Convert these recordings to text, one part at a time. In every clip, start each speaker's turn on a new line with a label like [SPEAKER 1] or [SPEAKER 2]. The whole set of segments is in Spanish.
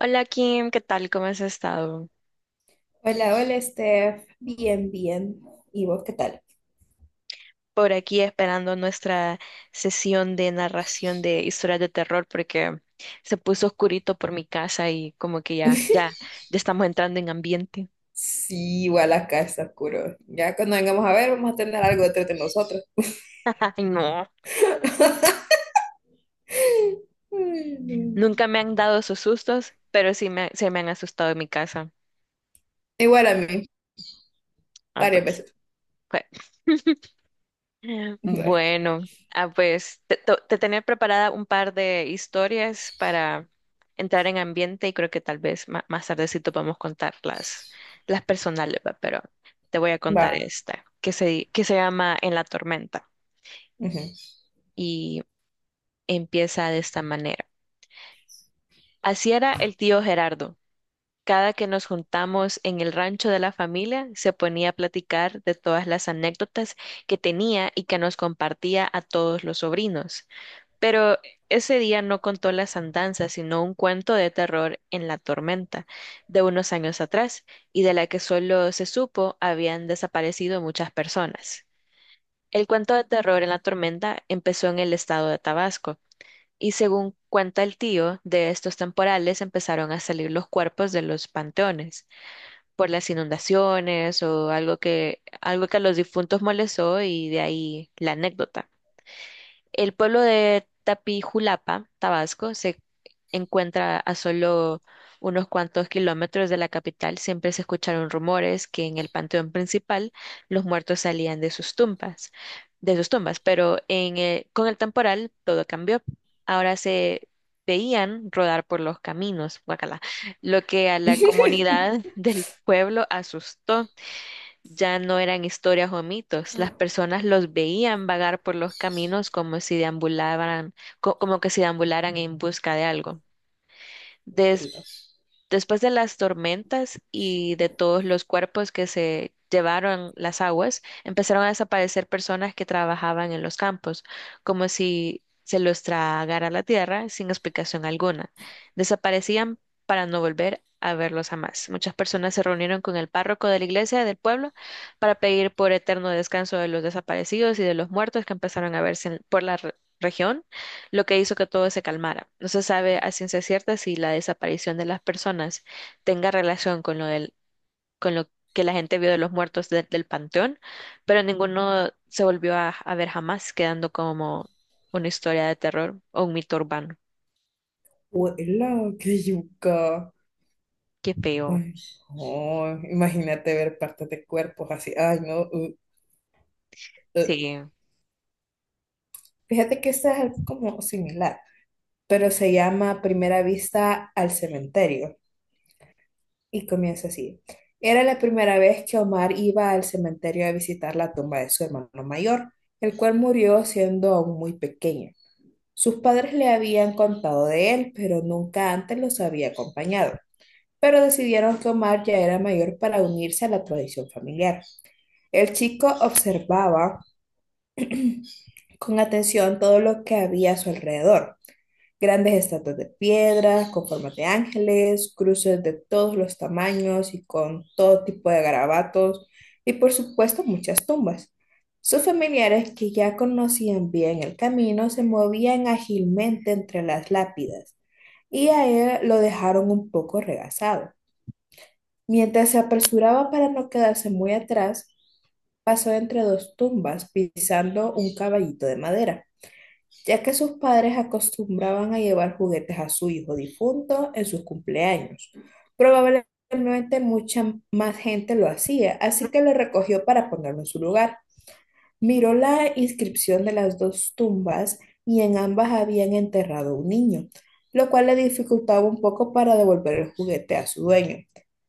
[SPEAKER 1] Hola Kim, ¿qué tal? ¿Cómo has estado?
[SPEAKER 2] Hola, hola Steph, bien, bien. ¿Y vos qué tal?
[SPEAKER 1] Por aquí esperando nuestra sesión de narración de historias de terror porque se puso oscurito por mi casa y como que ya, ya, ya estamos entrando en ambiente.
[SPEAKER 2] Sí, igual acá está oscuro. Ya cuando vengamos a ver, vamos a tener algo detrás de nosotros.
[SPEAKER 1] Ay, no,
[SPEAKER 2] Ay, no.
[SPEAKER 1] nunca me han dado esos sustos, pero sí se me han asustado en mi casa.
[SPEAKER 2] Igual a mí,
[SPEAKER 1] Ah,
[SPEAKER 2] varias
[SPEAKER 1] pues
[SPEAKER 2] veces.
[SPEAKER 1] fue. Bueno, pues te tenía preparada un par de historias para entrar en ambiente y creo que tal vez más tardecito podemos contar las personales, ¿va? Pero te voy a
[SPEAKER 2] Va.
[SPEAKER 1] contar esta, que se llama En la tormenta,
[SPEAKER 2] Ujú.
[SPEAKER 1] y empieza de esta manera. Así era el tío Gerardo. Cada que nos juntamos en el rancho de la familia, se ponía a platicar de todas las anécdotas que tenía y que nos compartía a todos los sobrinos. Pero ese día no contó las andanzas, sino un cuento de terror en la tormenta de unos años atrás, y de la que solo se supo habían desaparecido muchas personas. El cuento de terror en la tormenta empezó en el estado de Tabasco, y según cuenta el tío, de estos temporales empezaron a salir los cuerpos de los panteones por las inundaciones o algo que a los difuntos molestó, y de ahí la anécdota. El pueblo de Tapijulapa, Tabasco, se encuentra a solo unos cuantos kilómetros de la capital. Siempre se escucharon rumores que en el panteón principal los muertos salían de sus tumbas, pero con el temporal todo cambió. Ahora se veían rodar por los caminos, guacala, lo que a la comunidad del pueblo asustó. Ya no eran historias o mitos, las personas los veían vagar por los caminos como si deambularan, como que si deambularan en busca de algo.
[SPEAKER 2] Ela,
[SPEAKER 1] Después de las tormentas y de todos los cuerpos que se llevaron las aguas, empezaron a desaparecer personas que trabajaban en los campos, como si se los tragara la tierra sin explicación alguna. Desaparecían para no volver a verlos jamás. Muchas personas se reunieron con el párroco de la iglesia del pueblo para pedir por eterno descanso de los desaparecidos y de los muertos que empezaron a verse por la región, lo que hizo que todo se calmara. No se sabe a ciencia cierta si la desaparición de las personas tenga relación con lo que la gente vio de los muertos del panteón, pero ninguno se volvió a ver jamás, quedando como una historia de terror o un mito urbano.
[SPEAKER 2] ela, qué yuca.
[SPEAKER 1] Qué feo.
[SPEAKER 2] Ay, no, imagínate ver partes de cuerpos así. Ay, no. Uh.
[SPEAKER 1] Sí.
[SPEAKER 2] Fíjate que este es algo como similar, pero se llama Primera Vista al Cementerio. Y comienza así. Era la primera vez que Omar iba al cementerio a visitar la tumba de su hermano mayor, el cual murió siendo aún muy pequeño. Sus padres le habían contado de él, pero nunca antes los había acompañado. Pero decidieron que Omar ya era mayor para unirse a la tradición familiar. El chico observaba con atención todo lo que había a su alrededor. Grandes estatuas de piedra, con formas de ángeles, cruces de todos los tamaños y con todo tipo de garabatos, y por supuesto muchas tumbas. Sus familiares, que ya conocían bien el camino, se movían ágilmente entre las lápidas, y a él lo dejaron un poco regazado. Mientras se apresuraba para no quedarse muy atrás, pasó entre dos tumbas pisando un caballito de madera ya que sus padres acostumbraban a llevar juguetes a su hijo difunto en sus cumpleaños. Probablemente mucha más gente lo hacía, así que lo recogió para ponerlo en su lugar. Miró la inscripción de las dos tumbas y en ambas habían enterrado un niño, lo cual le dificultaba un poco para devolver el juguete a su dueño.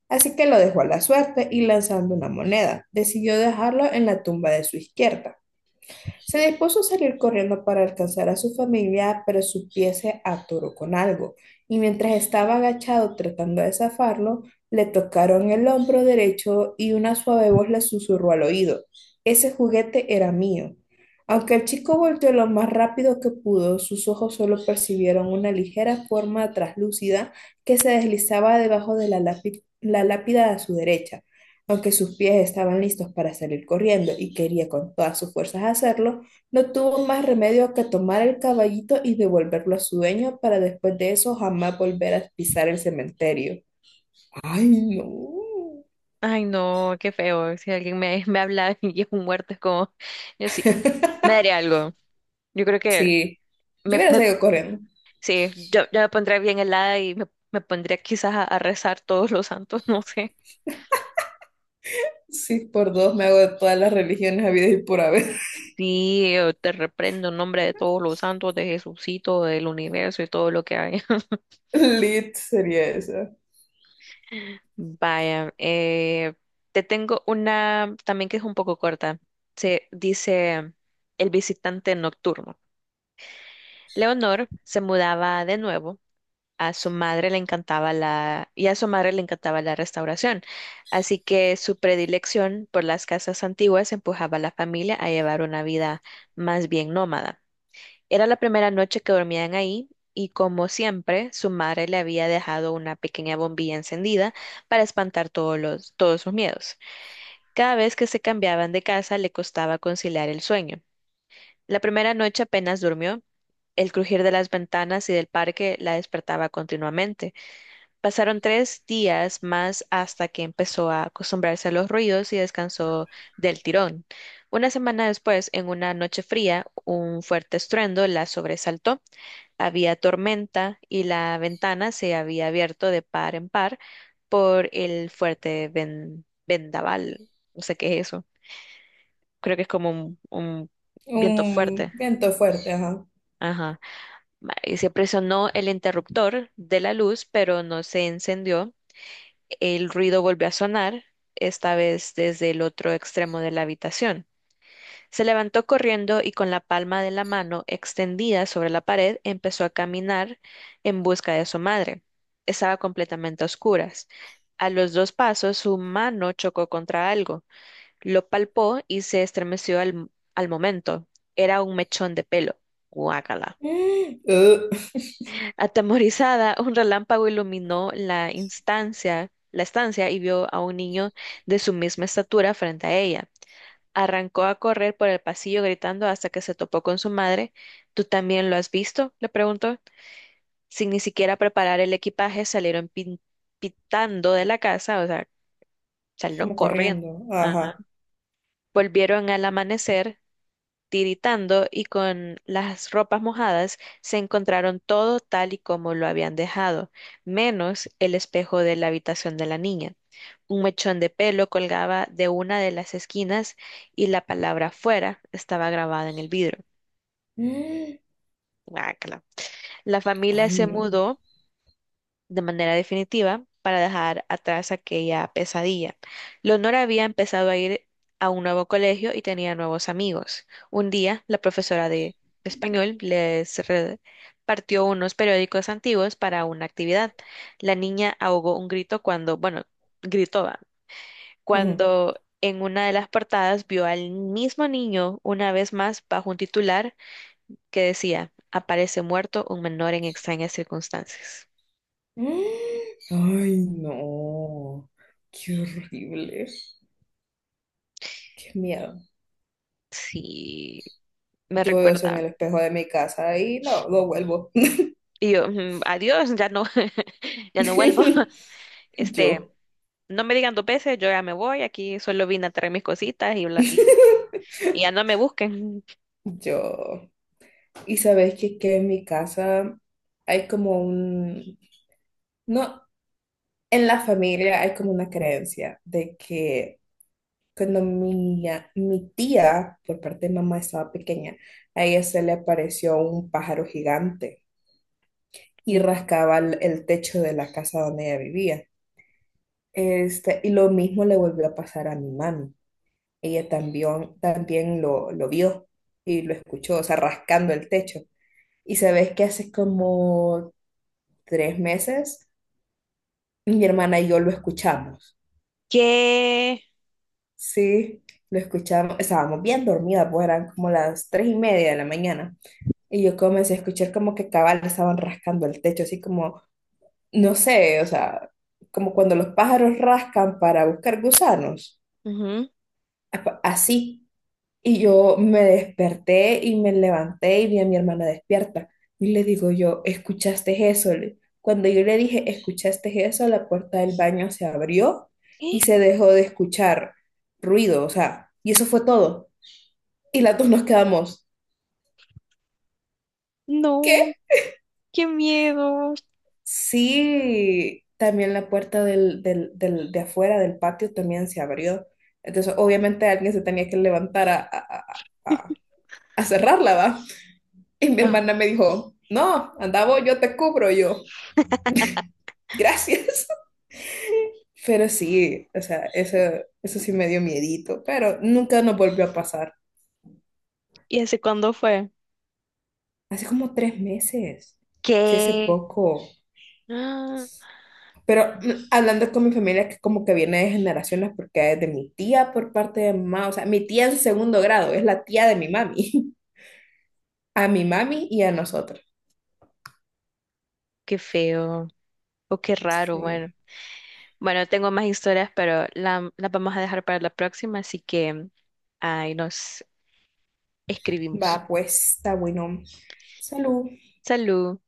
[SPEAKER 2] Así que lo dejó a la suerte y lanzando una moneda, decidió dejarlo en la tumba de su izquierda. Se dispuso a salir corriendo para alcanzar a su familia, pero su pie se atoró con algo, y mientras estaba agachado tratando de zafarlo, le tocaron el hombro derecho y una suave voz le susurró al oído. Ese juguete era mío. Aunque el chico volteó lo más rápido que pudo, sus ojos solo percibieron una ligera forma traslúcida que se deslizaba debajo de la la lápida a su derecha. Aunque sus pies estaban listos para salir corriendo y quería con todas sus fuerzas hacerlo, no tuvo más remedio que tomar el caballito y devolverlo a su dueño para después de eso jamás volver a pisar el cementerio. Ay, no.
[SPEAKER 1] Ay, no, qué feo. Si alguien me habla y es un muerto, es como, yo sí, me daría algo. Yo creo que
[SPEAKER 2] Sí, yo
[SPEAKER 1] me,
[SPEAKER 2] hubiera
[SPEAKER 1] me
[SPEAKER 2] salido corriendo.
[SPEAKER 1] Sí, yo me pondría bien helada y me pondría quizás a rezar todos los santos, no sé.
[SPEAKER 2] Sí, por dos me hago de todas las religiones habidas y por haber.
[SPEAKER 1] Sí, yo te reprendo en nombre de todos los santos, de Jesucito, del universo y todo lo que hay.
[SPEAKER 2] Lit sería eso.
[SPEAKER 1] Vaya, te tengo una también que es un poco corta. Se dice El visitante nocturno. Leonor se mudaba de nuevo, a su madre le encantaba la, y a su madre le encantaba la restauración. Así que su predilección por las casas antiguas empujaba a la familia a llevar una vida más bien nómada. Era la primera noche que dormían ahí y, como siempre, su madre le había dejado una pequeña bombilla encendida para espantar todos sus miedos. Cada vez que se cambiaban de casa le costaba conciliar el sueño. La primera noche apenas durmió. El crujir de las ventanas y del parque la despertaba continuamente. Pasaron tres días más hasta que empezó a acostumbrarse a los ruidos y descansó del tirón. Una semana después, en una noche fría, un fuerte estruendo la sobresaltó. Había tormenta y la ventana se había abierto de par en par por el fuerte vendaval. No sé qué es eso. Creo que es como un viento
[SPEAKER 2] Un
[SPEAKER 1] fuerte.
[SPEAKER 2] viento fuerte, ajá.
[SPEAKER 1] Ajá. Y se presionó el interruptor de la luz, pero no se encendió. El ruido volvió a sonar, esta vez desde el otro extremo de la habitación. Se levantó corriendo y con la palma de la mano extendida sobre la pared empezó a caminar en busca de su madre. Estaba completamente a oscuras. A los dos pasos su mano chocó contra algo. Lo palpó y se estremeció al momento. Era un mechón de pelo. Guácala.
[SPEAKER 2] Mm, uh,
[SPEAKER 1] Atemorizada, un relámpago iluminó la estancia y vio a un niño de su misma estatura frente a ella. Arrancó a correr por el pasillo gritando hasta que se topó con su madre. ¿Tú también lo has visto?, le preguntó. Sin ni siquiera preparar el equipaje, salieron pitando de la casa, o sea, salieron
[SPEAKER 2] Como
[SPEAKER 1] corriendo.
[SPEAKER 2] corriendo,
[SPEAKER 1] Ajá.
[SPEAKER 2] ajá.
[SPEAKER 1] Volvieron al amanecer, tiritando y con las ropas mojadas, se encontraron todo tal y como lo habían dejado, menos el espejo de la habitación de la niña. Un mechón de pelo colgaba de una de las esquinas y la palabra fuera estaba grabada en el vidrio.
[SPEAKER 2] Mm,
[SPEAKER 1] Guácala. La familia
[SPEAKER 2] Ay,
[SPEAKER 1] se
[SPEAKER 2] no.
[SPEAKER 1] mudó de manera definitiva para dejar atrás aquella pesadilla. Leonor había empezado a ir a un nuevo colegio y tenía nuevos amigos. Un día, la profesora de español les repartió unos periódicos antiguos para una actividad. La niña ahogó un grito cuando, bueno, gritó, va,
[SPEAKER 2] Ujú.
[SPEAKER 1] cuando en una de las portadas vio al mismo niño una vez más bajo un titular que decía, aparece muerto un menor en extrañas circunstancias.
[SPEAKER 2] Mm. Ay, no, qué horrible, qué miedo.
[SPEAKER 1] Sí, me
[SPEAKER 2] Yo veo eso en el
[SPEAKER 1] recuerda.
[SPEAKER 2] espejo de mi casa y no, no vuelvo.
[SPEAKER 1] Y yo, "Mm, adiós, ya no, ya no vuelvo". Este,
[SPEAKER 2] Yo,
[SPEAKER 1] no me digan dos veces, yo ya me voy, aquí solo vine a traer mis cositas y, y ya no me busquen.
[SPEAKER 2] yo. Y sabes que en mi casa hay como un, no, en la familia hay como una creencia de que cuando mi tía, por parte de mamá, estaba pequeña, a ella se le apareció un pájaro gigante y rascaba el techo de la casa donde ella vivía. Y lo mismo le volvió a pasar a mi mami. Ella también, también lo vio y lo escuchó, o sea, rascando el techo. Y sabes que hace como 3 meses mi hermana y yo lo escuchamos.
[SPEAKER 1] ¿Qué?
[SPEAKER 2] Sí, lo escuchamos. Estábamos bien dormidas, pues eran como las 3:30 de la mañana. Y yo comencé a escuchar como que cabal estaban rascando el techo, así como, no sé, o sea, como cuando los pájaros rascan para buscar gusanos.
[SPEAKER 1] Ujú.
[SPEAKER 2] Así. Y yo me desperté y me levanté y vi a mi hermana despierta. Y le digo yo, ¿escuchaste eso? Cuando yo le dije, ¿escuchaste eso? La puerta del baño se abrió y
[SPEAKER 1] ¡Eh!
[SPEAKER 2] se dejó de escuchar ruido, o sea, y eso fue todo. Y las dos nos quedamos, ¿qué?
[SPEAKER 1] No, qué miedo.
[SPEAKER 2] Sí, también la puerta de afuera del patio también se abrió. Entonces, obviamente alguien se tenía que levantar a, a a cerrarla, ¿va? Y mi
[SPEAKER 1] Ah,
[SPEAKER 2] hermana me dijo, no, andaba yo te cubro yo. Gracias. Pero sí, o sea, eso sí me dio miedito, pero nunca nos volvió a pasar.
[SPEAKER 1] ¿y hace cuándo fue?
[SPEAKER 2] Hace como tres meses, sí, hace
[SPEAKER 1] ¿Qué?
[SPEAKER 2] poco.
[SPEAKER 1] Ah,
[SPEAKER 2] Pero hablando con mi familia, que como que viene de generaciones, porque es de mi tía por parte de mamá, o sea, mi tía en segundo grado, es la tía de mi mami, a mi mami y a nosotros.
[SPEAKER 1] qué feo. O qué raro, bueno.
[SPEAKER 2] Sí.
[SPEAKER 1] Bueno, tengo más historias, pero las vamos a dejar para la próxima, así que ahí nos escribimos.
[SPEAKER 2] Va, pues, está bueno. Salud.
[SPEAKER 1] Salud.